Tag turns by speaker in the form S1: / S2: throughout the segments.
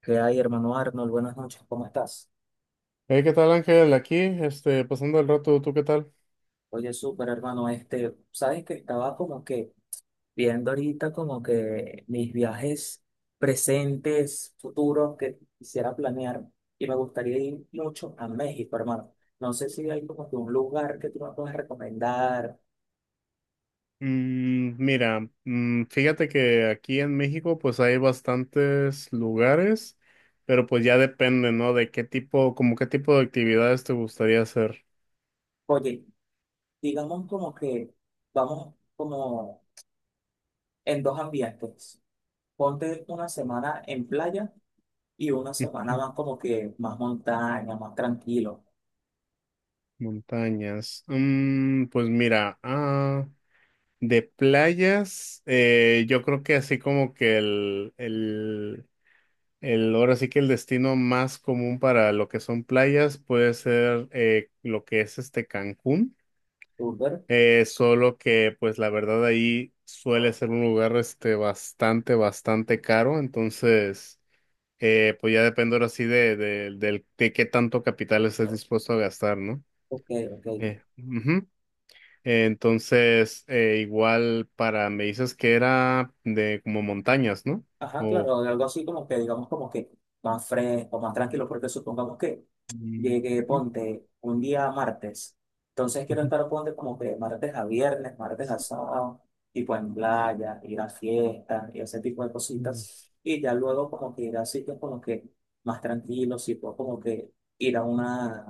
S1: ¿Qué hay, hermano Arnold? Buenas noches, ¿cómo estás?
S2: Hey, ¿qué tal, Ángel? Aquí, pasando el rato, ¿tú qué tal?
S1: Oye, súper, hermano, este, sabes que estaba como que viendo ahorita como que mis viajes presentes, futuros que quisiera planear y me gustaría ir mucho a México, hermano. No sé si hay como que un lugar que tú me puedas recomendar.
S2: Mira, fíjate que aquí en México, pues hay bastantes lugares, pero pues ya depende, ¿no? De qué tipo, como qué tipo de actividades te gustaría hacer.
S1: Oye, digamos como que vamos como en dos ambientes. Ponte una semana en playa y una semana más como que más montaña, más tranquilo.
S2: Montañas. Pues mira, de playas, yo creo que así como que el ahora sí que el destino más común para lo que son playas puede ser lo que es Cancún.
S1: Súper.
S2: Solo que pues la verdad ahí suele ser un lugar bastante, bastante caro, entonces pues ya depende ahora sí de qué tanto capital estés dispuesto a gastar, ¿no?
S1: Ok, ok.
S2: Ujú. Entonces igual para, me dices que era de como montañas, ¿no?
S1: Ajá,
S2: O...
S1: claro, algo así como que, digamos, como que más fresco, más tranquilo, porque supongamos que
S2: Mm,
S1: llegue, ponte, un día martes. Entonces quiero estar, ponte, como que martes a viernes, martes a sábado, tipo en playa, ir a fiestas y ese tipo de
S2: ujú.
S1: cositas. Y ya luego como que ir a sitios como que más tranquilos, tipo como que ir a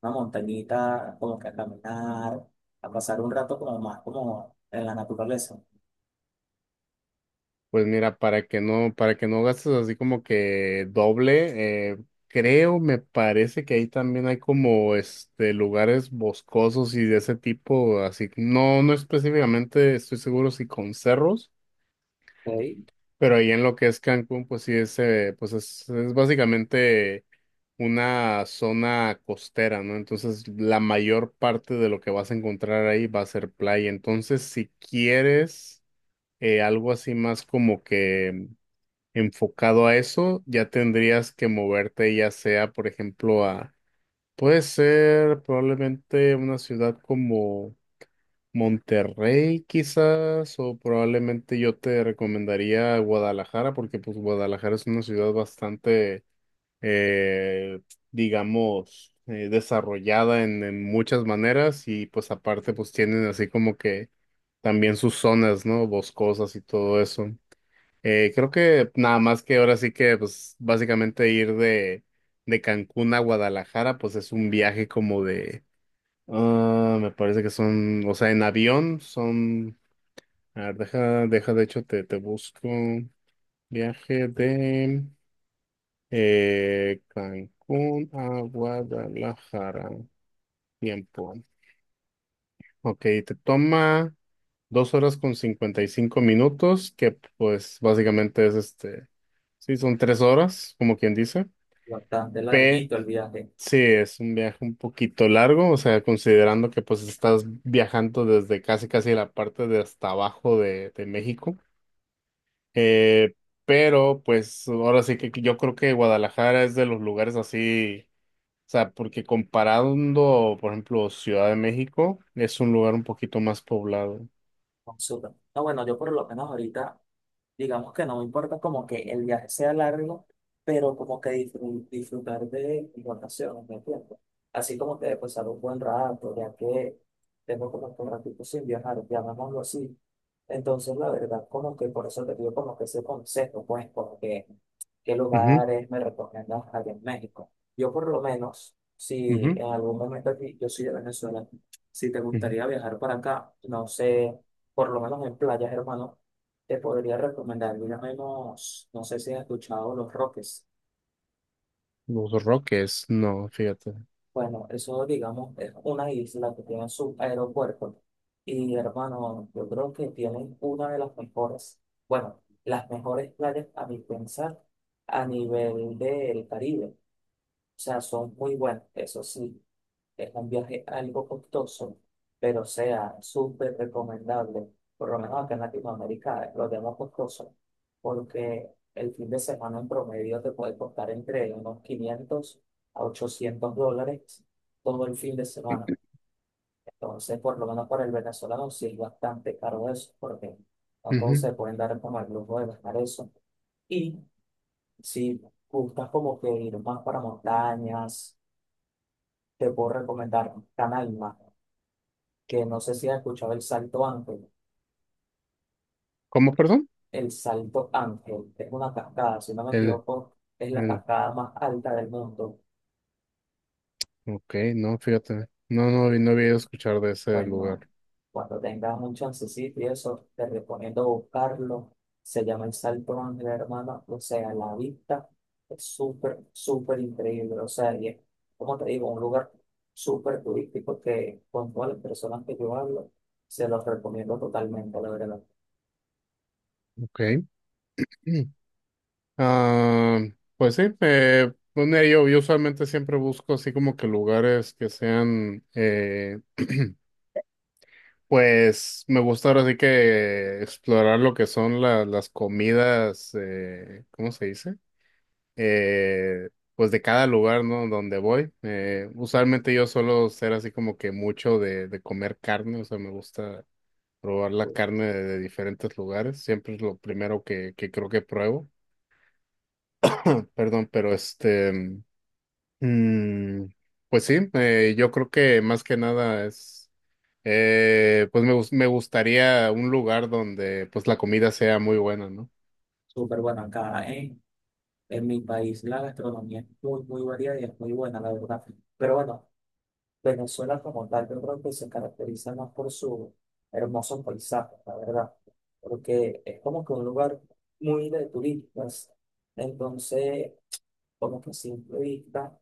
S1: una montañita, como que a caminar, a pasar un rato como más como en la naturaleza.
S2: Pues mira, para que no gastes así como que doble, creo, me parece que ahí también hay como lugares boscosos y de ese tipo, así, no, no específicamente estoy seguro si con cerros,
S1: Ok.
S2: pero ahí en lo que es Cancún, pues sí es, pues es básicamente una zona costera, ¿no? Entonces la mayor parte de lo que vas a encontrar ahí va a ser playa. Entonces, si quieres algo así más como que enfocado a eso, ya tendrías que moverte ya sea, por ejemplo, puede ser probablemente una ciudad como Monterrey quizás, o probablemente yo te recomendaría Guadalajara, porque pues Guadalajara es una ciudad bastante, eh, digamos, desarrollada en muchas maneras y pues aparte pues tienen así como que también sus zonas, ¿no? Boscosas y todo eso. Creo que nada más que ahora sí que, pues, básicamente ir de Cancún a Guadalajara, pues es un viaje como de, me parece que son, o sea, en avión son, a ver, deja, de hecho, te busco viaje de Cancún a Guadalajara, tiempo. Ok, te toma 2 horas con 55 minutos, que pues básicamente es sí, son 3 horas, como quien dice.
S1: Bastante
S2: P,
S1: larguito el viaje.
S2: sí, es un viaje un poquito largo, o sea, considerando que pues estás viajando desde casi casi la parte de hasta abajo de México. Eh, pero pues ahora sí que yo creo que Guadalajara es de los lugares así, o sea, porque comparando, por ejemplo, Ciudad de México, es un lugar un poquito más poblado.
S1: Súper. No, bueno, yo por lo menos ahorita, digamos que no me importa como que el viaje sea largo, pero como que disfrutar de mis vacaciones, ¿me entiendes? Así como que pasar un buen rato, ya que tengo como que un ratito sin viajar, llamémoslo así. Entonces, la verdad, como que por eso te digo como que ese consejo, pues, porque qué
S2: Ujú,
S1: lugares me recomiendas allá en México. Yo por lo menos, si
S2: ujú,
S1: en algún momento aquí, yo soy de Venezuela, si te
S2: ujú.
S1: gustaría viajar para acá, no sé, por lo menos en playas, hermano te podría recomendar, mira menos, no sé si has escuchado Los Roques.
S2: Los Roques, no, fíjate.
S1: Bueno, eso digamos es una isla que tiene su aeropuerto. Y hermano, yo creo que tienen una de las mejores, bueno, las mejores playas a mi pensar a nivel del Caribe. O sea, son muy buenas, eso sí. Es un viaje algo costoso, pero sea súper recomendable, por lo menos acá en Latinoamérica lo tenemos costoso, porque el fin de semana en promedio te puede costar entre unos 500 a $800 todo el fin de semana. Entonces, por lo menos para el venezolano sí es bastante caro eso, porque no todos
S2: Ujú.
S1: se pueden dar como el lujo de gastar eso. Y si gustas como que ir más para montañas, te puedo recomendar Canal que no sé si has escuchado el Salto Ángel.
S2: ¿Cómo, perdón?
S1: El Salto Ángel es una cascada, si no me
S2: El,
S1: equivoco, es la
S2: el-
S1: cascada más alta del mundo.
S2: Ok, no, fíjate. No, no, no había escuchado de ese
S1: Bueno,
S2: lugar.
S1: cuando tengas un chancecito y eso, te recomiendo buscarlo. Se llama el Salto Ángel, hermano. O sea, la vista es súper, súper increíble. O sea, y es, como te digo, un lugar súper turístico que con todas las personas que yo hablo, se los recomiendo totalmente, la verdad.
S2: Ok. Mm. Ah, pues sí, pues mira, yo usualmente siempre busco así como que lugares que sean, pues me gusta ahora sí que explorar lo que son las comidas, ¿cómo se dice? Eh, pues de cada lugar, ¿no? Donde voy. Usualmente yo suelo ser así como que mucho de comer carne, o sea, me gusta. Probar la carne de diferentes lugares. Siempre es lo primero que creo que pruebo. Perdón, pero mm, pues sí, yo creo que más que nada es, pues me gustaría un lugar donde pues la comida sea muy buena, ¿no?
S1: Súper bueno acá, ¿eh? En mi país la gastronomía es muy, muy variada y es muy buena, la verdad. Pero bueno, Venezuela como tal, yo creo que se caracteriza más por su hermoso paisaje, la verdad. Porque es como que un lugar muy de turistas. Entonces, como que a simple vista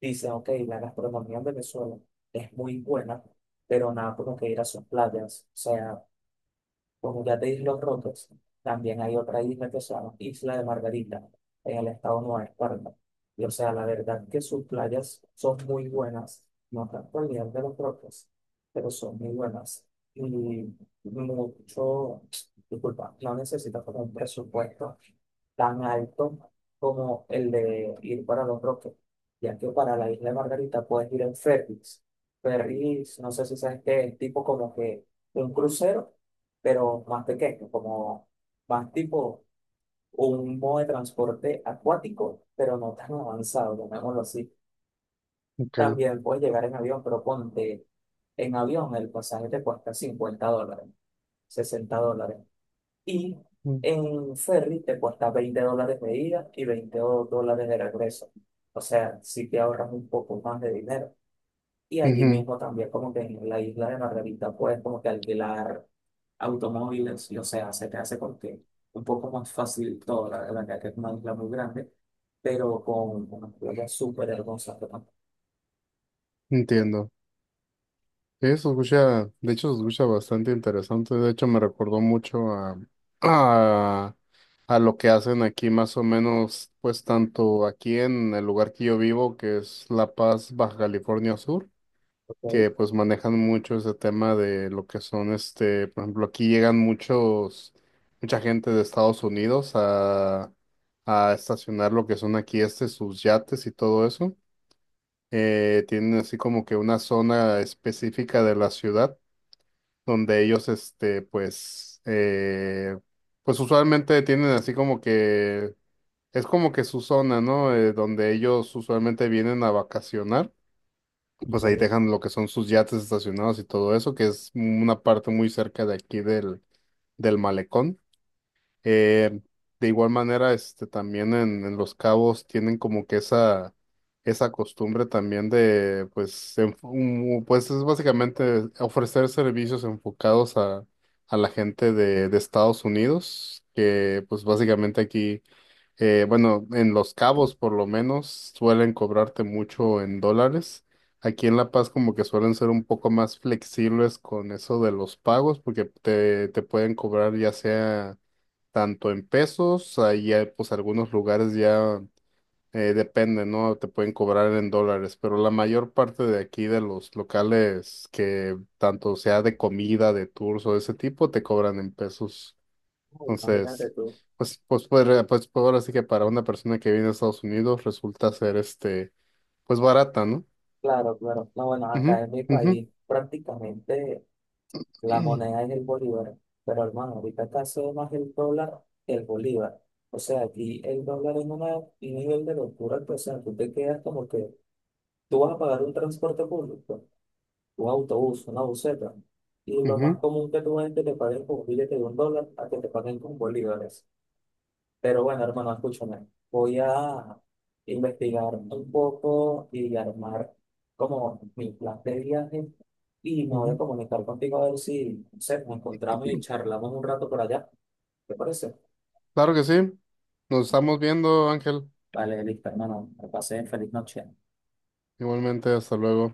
S1: dicen, ok, la gastronomía en Venezuela es muy buena, pero nada como que ir a sus playas. O sea, como ya te dije los rotos, también hay otra isla que se llama Isla de Margarita, en el estado Nueva Esparta. Y o sea, la verdad que sus playas son muy buenas, no tanto al nivel de los rotos, pero son muy buenas. Y mucho, disculpa, no necesitas como un presupuesto tan alto como el de ir para Los Roques, ya que para la isla de Margarita puedes ir en ferries. Ferries, no sé si sabes qué es, tipo como que un crucero pero más pequeño, como más tipo un modo de transporte acuático, pero no tan avanzado, llamémoslo así.
S2: Okay.
S1: También puedes llegar en avión, pero ponte en avión, el pasaje te cuesta $50, $60. Y
S2: Mm,
S1: en ferry te cuesta $20 de ida y $20 de regreso. O sea, si te ahorras un poco más de dinero. Y allí
S2: ujú,
S1: mismo también como que en la isla de Margarita puedes como que alquilar automóviles, y o sea, se te hace porque un poco más fácil todo, la verdad que es una isla muy grande, pero con una playa súper hermosa que tampoco
S2: entiendo. Sí, se escucha, de hecho se escucha bastante interesante, de hecho me recordó mucho a, a, a lo que hacen aquí más o menos, pues tanto aquí en el lugar que yo vivo, que es La Paz, Baja California Sur,
S1: hay.
S2: que pues manejan mucho ese tema de lo que son, por ejemplo, aquí llegan mucha gente de Estados Unidos a estacionar lo que son aquí sus yates y todo eso. Tienen así como que una zona específica de la ciudad donde ellos, pues, pues usualmente tienen así como que, es como que su zona, ¿no? Donde ellos usualmente vienen a vacacionar, pues ahí
S1: Eh,
S2: dejan lo que son sus yates estacionados y todo eso, que es una parte muy cerca de aquí del malecón. Eh, de igual manera, también en Los Cabos tienen como que esa costumbre también de, pues, pues es básicamente ofrecer servicios enfocados a la gente de Estados Unidos, que pues básicamente aquí, bueno, en Los Cabos por lo menos suelen cobrarte mucho en dólares. Aquí en La Paz como que suelen ser un poco más flexibles con eso de los pagos, porque te pueden cobrar ya sea tanto en pesos, ahí hay, pues algunos lugares ya depende, ¿no? Te pueden cobrar en dólares, pero la mayor parte de aquí de los locales que tanto sea de comida, de tours o de ese tipo, te cobran en pesos.
S1: Imagínate
S2: Entonces,
S1: tú.
S2: pues, ahora sí que para una persona que viene a Estados Unidos resulta ser pues barata, ¿no?
S1: Claro, claro. No, bueno, acá
S2: Ujú,
S1: en mi
S2: ujú,
S1: país prácticamente la moneda es el bolívar, pero hermano, ahorita acá se ve más el dólar que el bolívar. O sea, aquí el dólar es un nivel de locura, que, o sea, tú te quedas como que tú vas a pagar un transporte público. Un autobús, una buseta. Y lo más común que tú ves es que te paguen con un billete de un dólar a que te paguen con bolívares. Pero bueno, hermano, escúchame. Voy a investigar un poco y armar como mi plan de viaje. Y me
S2: ujú,
S1: voy a
S2: ujú.
S1: comunicar contigo a ver si, no sé, nos encontramos y charlamos un rato por allá. ¿Te parece?
S2: Claro que sí. Nos estamos viendo, Ángel.
S1: Vale, listo, hermano. Me pasé feliz noche.
S2: Igualmente, hasta luego.